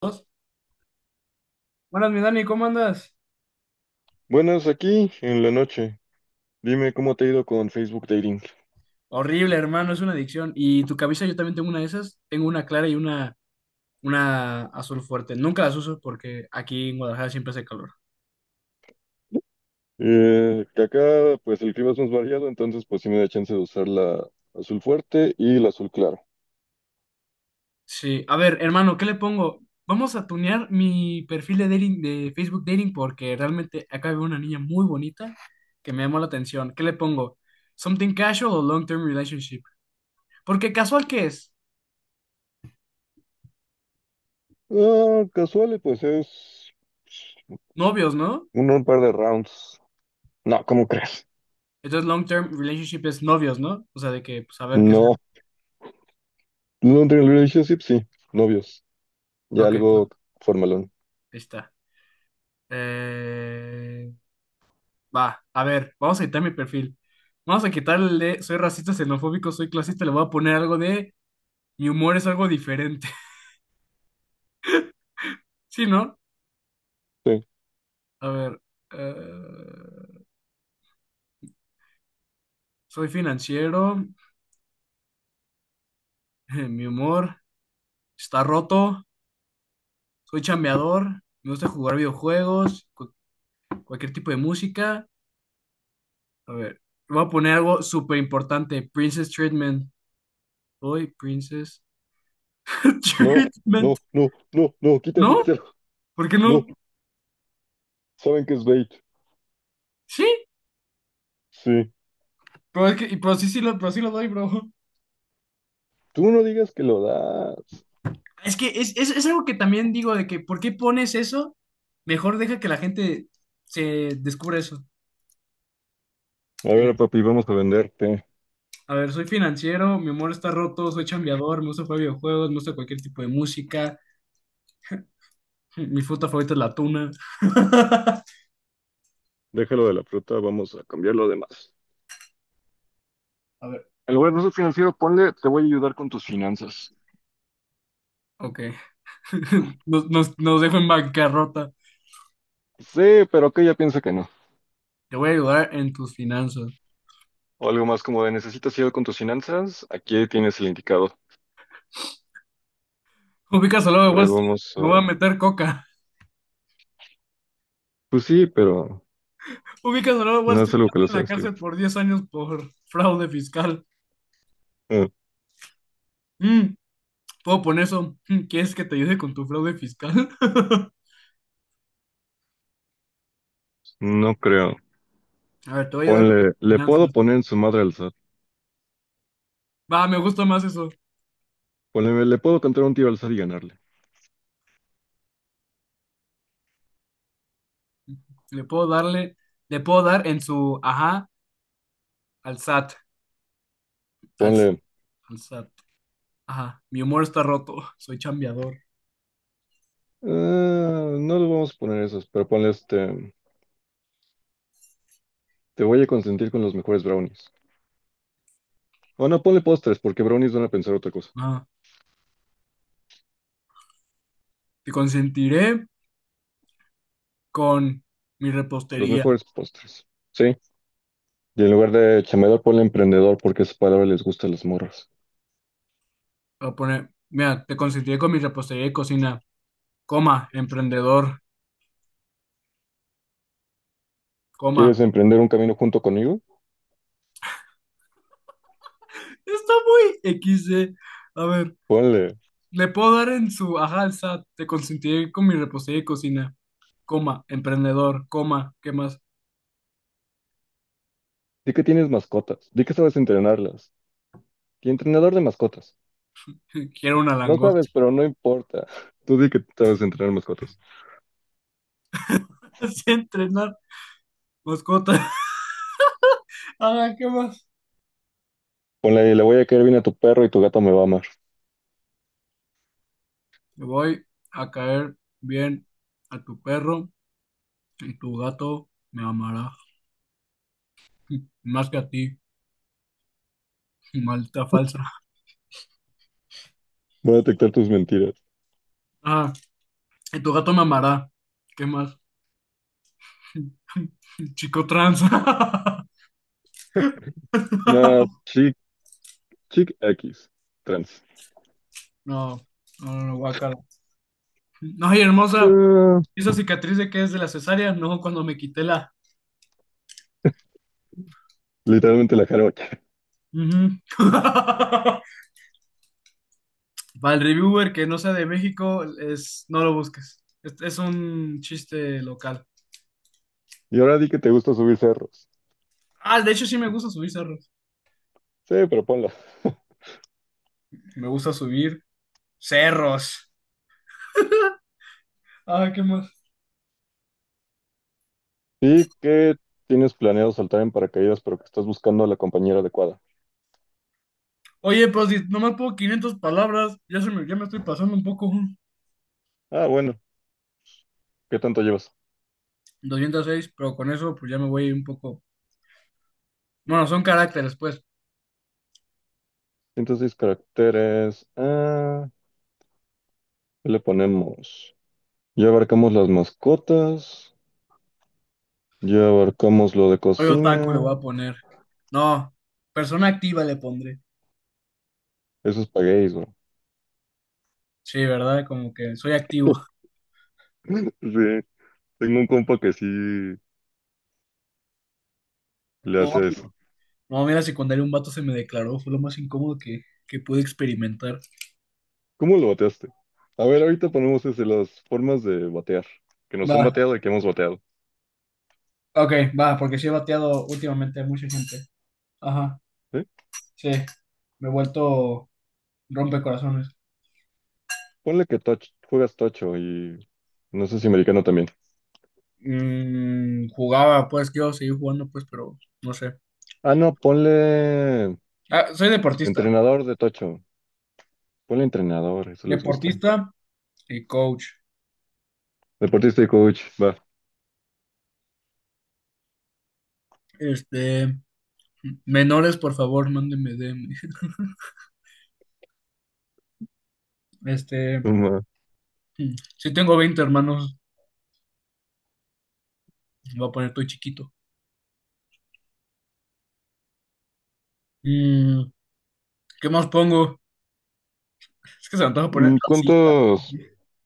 Dos. Buenas, mi Dani, ¿cómo andas? Buenas, aquí en la noche. Dime cómo te ha ido con Facebook Dating. Horrible, hermano, es una adicción. Y tu camisa, yo también tengo una de esas. Tengo una clara y una azul fuerte. Nunca las uso porque aquí en Guadalajara siempre hace calor. Que acá, pues el clima es más variado, entonces pues sí me da chance de usar la azul fuerte y la azul claro. Sí, a ver, hermano, ¿qué le pongo? Vamos a tunear mi perfil de dating, de Facebook Dating, porque realmente acá veo una niña muy bonita que me llamó la atención. ¿Qué le pongo? ¿Something casual o long-term relationship? Porque casual, ¿qué es? Ah, casual, y, pues es Novios, ¿no? un par de rounds. No, ¿cómo crees? Entonces long-term relationship es novios, ¿no? O sea, de que, pues, a ver qué es. No, long term relationship, sí, novios. Ya Ok, ahí algo formalón. está. Eh, Va, a ver, vamos a quitar mi perfil. Vamos a quitarle, soy racista, xenofóbico, soy clasista, le voy a poner algo de, mi humor es algo diferente. ¿Sí, no? Sí. A ver, eh, soy financiero, mi humor está roto, soy chambeador, me gusta jugar videojuegos, cualquier tipo de música. A ver, voy a poner algo súper importante, Princess Treatment. Soy Princess No, Treatment. no, no, no, no, quita ¿No? eso, quítalo. ¿Por qué No, no? saben que es bait. Sí. Sí. Pero es que, pero sí, sí lo, pero sí lo doy, bro. Tú no digas que lo das. Es que es algo que también digo de que, ¿por qué pones eso? Mejor deja que la gente se descubra eso. A Eh, ver, papi, vamos a venderte. a ver, soy financiero, mi humor está roto, soy chambeador, me gusta jugar videojuegos, me gusta cualquier tipo de música. Mi fruta favorita es la tuna. Déjalo de la fruta, vamos a cambiar lo demás. A ver, En lugar de ser financiero, ponle, te voy a ayudar con tus finanzas. ok. Nos dejo en bancarrota. Sí, pero que ella piensa que no. Te voy a ayudar en tus finanzas. O algo más como de, ¿necesitas ayuda con tus finanzas? Aquí tienes el indicado. Ubicas al lado A de Wall ver, Street, vamos me voy a a... meter coca. Pues sí, pero Ubicas al lado de Wall no es Street, algo que le en sé la decir. cárcel por 10 años por fraude fiscal. Eh, Mm, Puedo poner eso. Mm, ¿quieres que te ayude con tu fraude fiscal? no creo. A ver, te voy a ayudar con Ponle, tus le puedo finanzas. poner en su madre al SAT. Va, me gusta más eso. Ponle, le puedo cantar un tío al SAT y ganarle. Le puedo darle, le puedo dar en su ajá al SAT. Al, Ponle, al SAT. Ajá. Mi humor está roto. Soy chambeador. "Ah, no le vamos a poner esos, pero ponle este, te voy a consentir con los mejores brownies. O no, ponle postres, porque brownies van a pensar otra cosa. Ajá. Te consentiré con mi Los repostería. mejores postres. Sí. Y en lugar de chambeador, ponle emprendedor porque esa palabra les gusta a las morras. Voy a poner, mira, te consentiré con mi repostería de cocina. Coma, emprendedor. Coma. ¿Quieres emprender un camino junto conmigo? Está muy XD. A ver. Ponle. Le puedo dar en su ajá al SAT, te consentiré con mi repostería de cocina, coma, emprendedor, coma, ¿qué más? Di que tienes mascotas. Di que sabes entrenarlas. Y entrenador de mascotas. Quiero una No sabes, langosta. pero no importa. Tú di que sabes entrenar mascotas. Sé entrenar, mascota. Ajá, ¿qué más? Ponle, le voy a caer bien a tu perro y tu gato me va a amar. Le voy a caer bien a tu perro y tu gato me amará, más que a ti, maldita falsa. Voy a detectar tus mentiras. Ah, y tu gato me amará, ¿qué más? Chico trans. No, chic, chic X. Trans. No, no, no, no, guácala. No, y hermosa, Ah, ¿esa cicatriz de qué es? ¿De la cesárea? No, cuando me quité la... literalmente la jarocha. Ujú. Para el reviewer que no sea de México, no lo busques. Es un chiste local. Y ahora di que te gusta subir cerros. Ah, de hecho sí me gusta subir cerros. Sí, pero ponlo. Me gusta subir cerros. Ah, ¿qué más? Y que tienes planeado saltar en paracaídas, pero que estás buscando a la compañera adecuada. Oye, pues si nomás puedo 500 palabras. Ya, ya me estoy pasando un poco. Ah, bueno, ¿qué tanto llevas? 206, pero con eso pues ya me voy un poco. Bueno, son caracteres, pues. 106 caracteres. Ah, ¿qué le ponemos? Ya abarcamos las mascotas. Ya abarcamos lo de Hoy otaku le voy cocina. a poner. No, persona activa le pondré. Eso es paguéis, bro. Sí, ¿verdad? Como que soy activo. Sí, tengo un compa que sí le No, hace eso. no, mira, secundaria un vato se me declaró, fue lo más incómodo que pude experimentar. ¿Cómo lo bateaste? A ver, ahorita ponemos ese, las formas de batear, que nos han Va, bateado y que hemos bateado. ok, va, porque sí he bateado últimamente a mucha gente. Ajá, ¿Sí? sí, me he vuelto rompecorazones. Ponle que touch, juegas tocho y no sé si americano también. Mm, jugaba, pues, quiero seguir jugando, pues, pero no sé. Ah, no, ponle Ah, soy deportista, entrenador de tocho. Ponle entrenador, eso les gusta. deportista y coach. Deportista y coach, va. Este, menores, por favor, mándenme DM. Este, Va. si tengo 20 hermanos, me voy a poner todo chiquito. Mm, ¿qué más pongo? Es que se me antoja poner Mm, racista. ¿cuántos,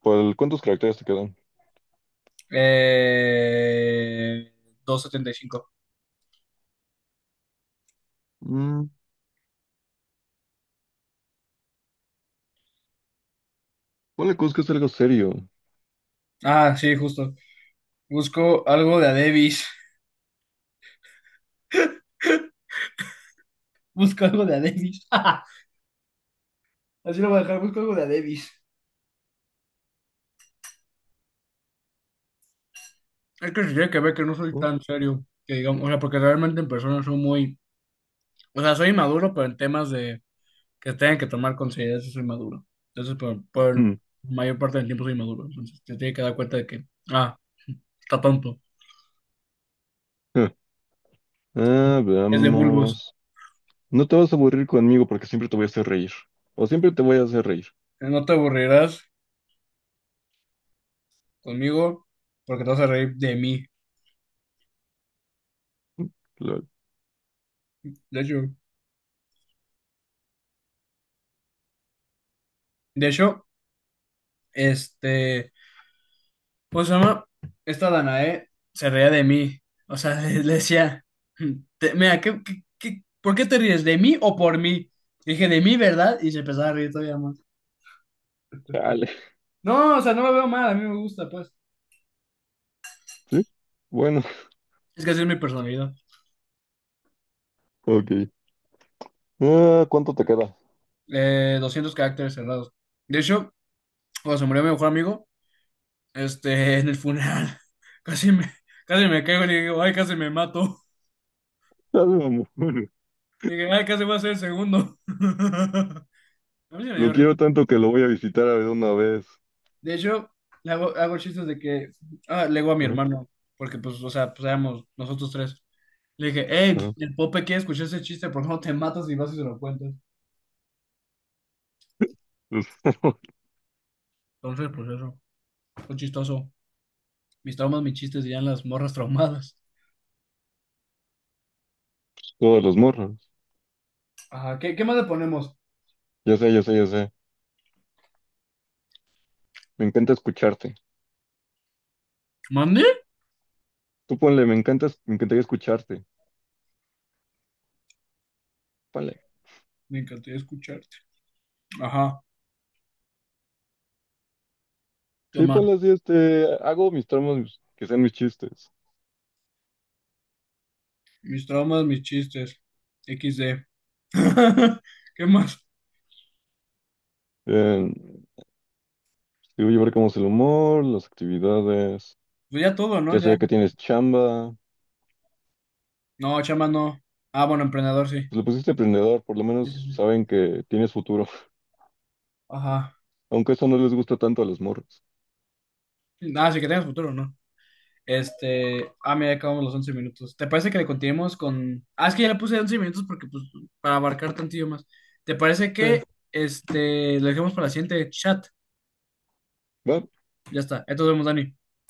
cuántos caracteres te quedan? Eh, 275. Mm, ponle cosas que es algo serio, Ah, sí, justo. Busco algo de a Davis. Busco algo de a Davis. Así lo voy a dejar, busco algo de a Davis. Es que se tiene que ver que no soy ¿no? tan serio, que digamos, o sea, porque realmente en persona soy muy, o sea, soy inmaduro, pero en temas de que tengan que tomar consideración sí soy maduro. Entonces, por Mm, mayor parte del tiempo soy maduro. Entonces, te tiene que dar cuenta de que, ah, está tonto, ah, ah, es de bulbos. veamos. No te vas a aburrir conmigo porque siempre te voy a hacer reír. O siempre te voy a hacer reír. No te aburrirás conmigo porque te vas a reír de mí. Lol. De hecho, de hecho, este, pues, ¿se llama? Esta Danae se reía de mí. O sea, le decía, "Te- mira, por qué te ríes? ¿De mí o por mí?". Dije, de mí, ¿verdad? Y se empezaba a reír todavía más. Chale. No, o sea, no me veo mal, a mí me gusta, pues. ¿Sí? Bueno, Es que así es mi personalidad. ok. Ah, ¿cuánto te queda? 200 caracteres cerrados. De hecho, cuando se murió mi mejor amigo, este, en el funeral, casi me, casi me caigo y le digo, ay, casi me mato. Ah, no, amor. Dije, ay, casi voy a ser el segundo. A mí sí me Lo dio quiero risa. tanto que lo voy a visitar a ver una vez. De hecho, hago chistes de que ah, le digo a mi Ajá, hermano, porque pues, o sea, pues éramos nosotros tres. Le dije, hey, ajá. el Pope quiere escuchar ese chiste, por favor, te matas y vas y se lo cuentas. Entonces, pues eso, fue chistoso. Mis traumas, mis chistes, dirían las morras traumadas. Todos los morros. Ajá, ¿qué más le ponemos? Yo sé, yo sé, yo sé. Me encanta escucharte. ¿Mande? Tú ponle, me encantas, me encantaría escucharte. Ponle. Me encantaría escucharte. Ajá, ¿qué Sí, más? ponle así, este, hago mis tramos que sean mis chistes. Mis traumas, mis chistes. XD. ¿Qué más? Eh, Digo, llevar cómo es el humor, las actividades. Pues ya todo, ¿no? Ya se Ya. ve que tienes chamba. No, chama no. Ah, bueno, emprendedor, sí. Pues le pusiste emprendedor, por lo Sí, sí, menos sí. saben que tienes futuro. Ajá. Aunque eso no les gusta tanto a los morros. Nada, sí que tengas futuro, ¿no? Este. Ah, mira, ya acabamos los 11 minutos. ¿Te parece que le continuemos con? Ah, es que ya le puse 11 minutos porque, pues, para abarcar tantillo más. ¿Te parece que, Sí, este, lo dejemos para la siguiente chat? va, Ya está. Entonces vemos, Dani.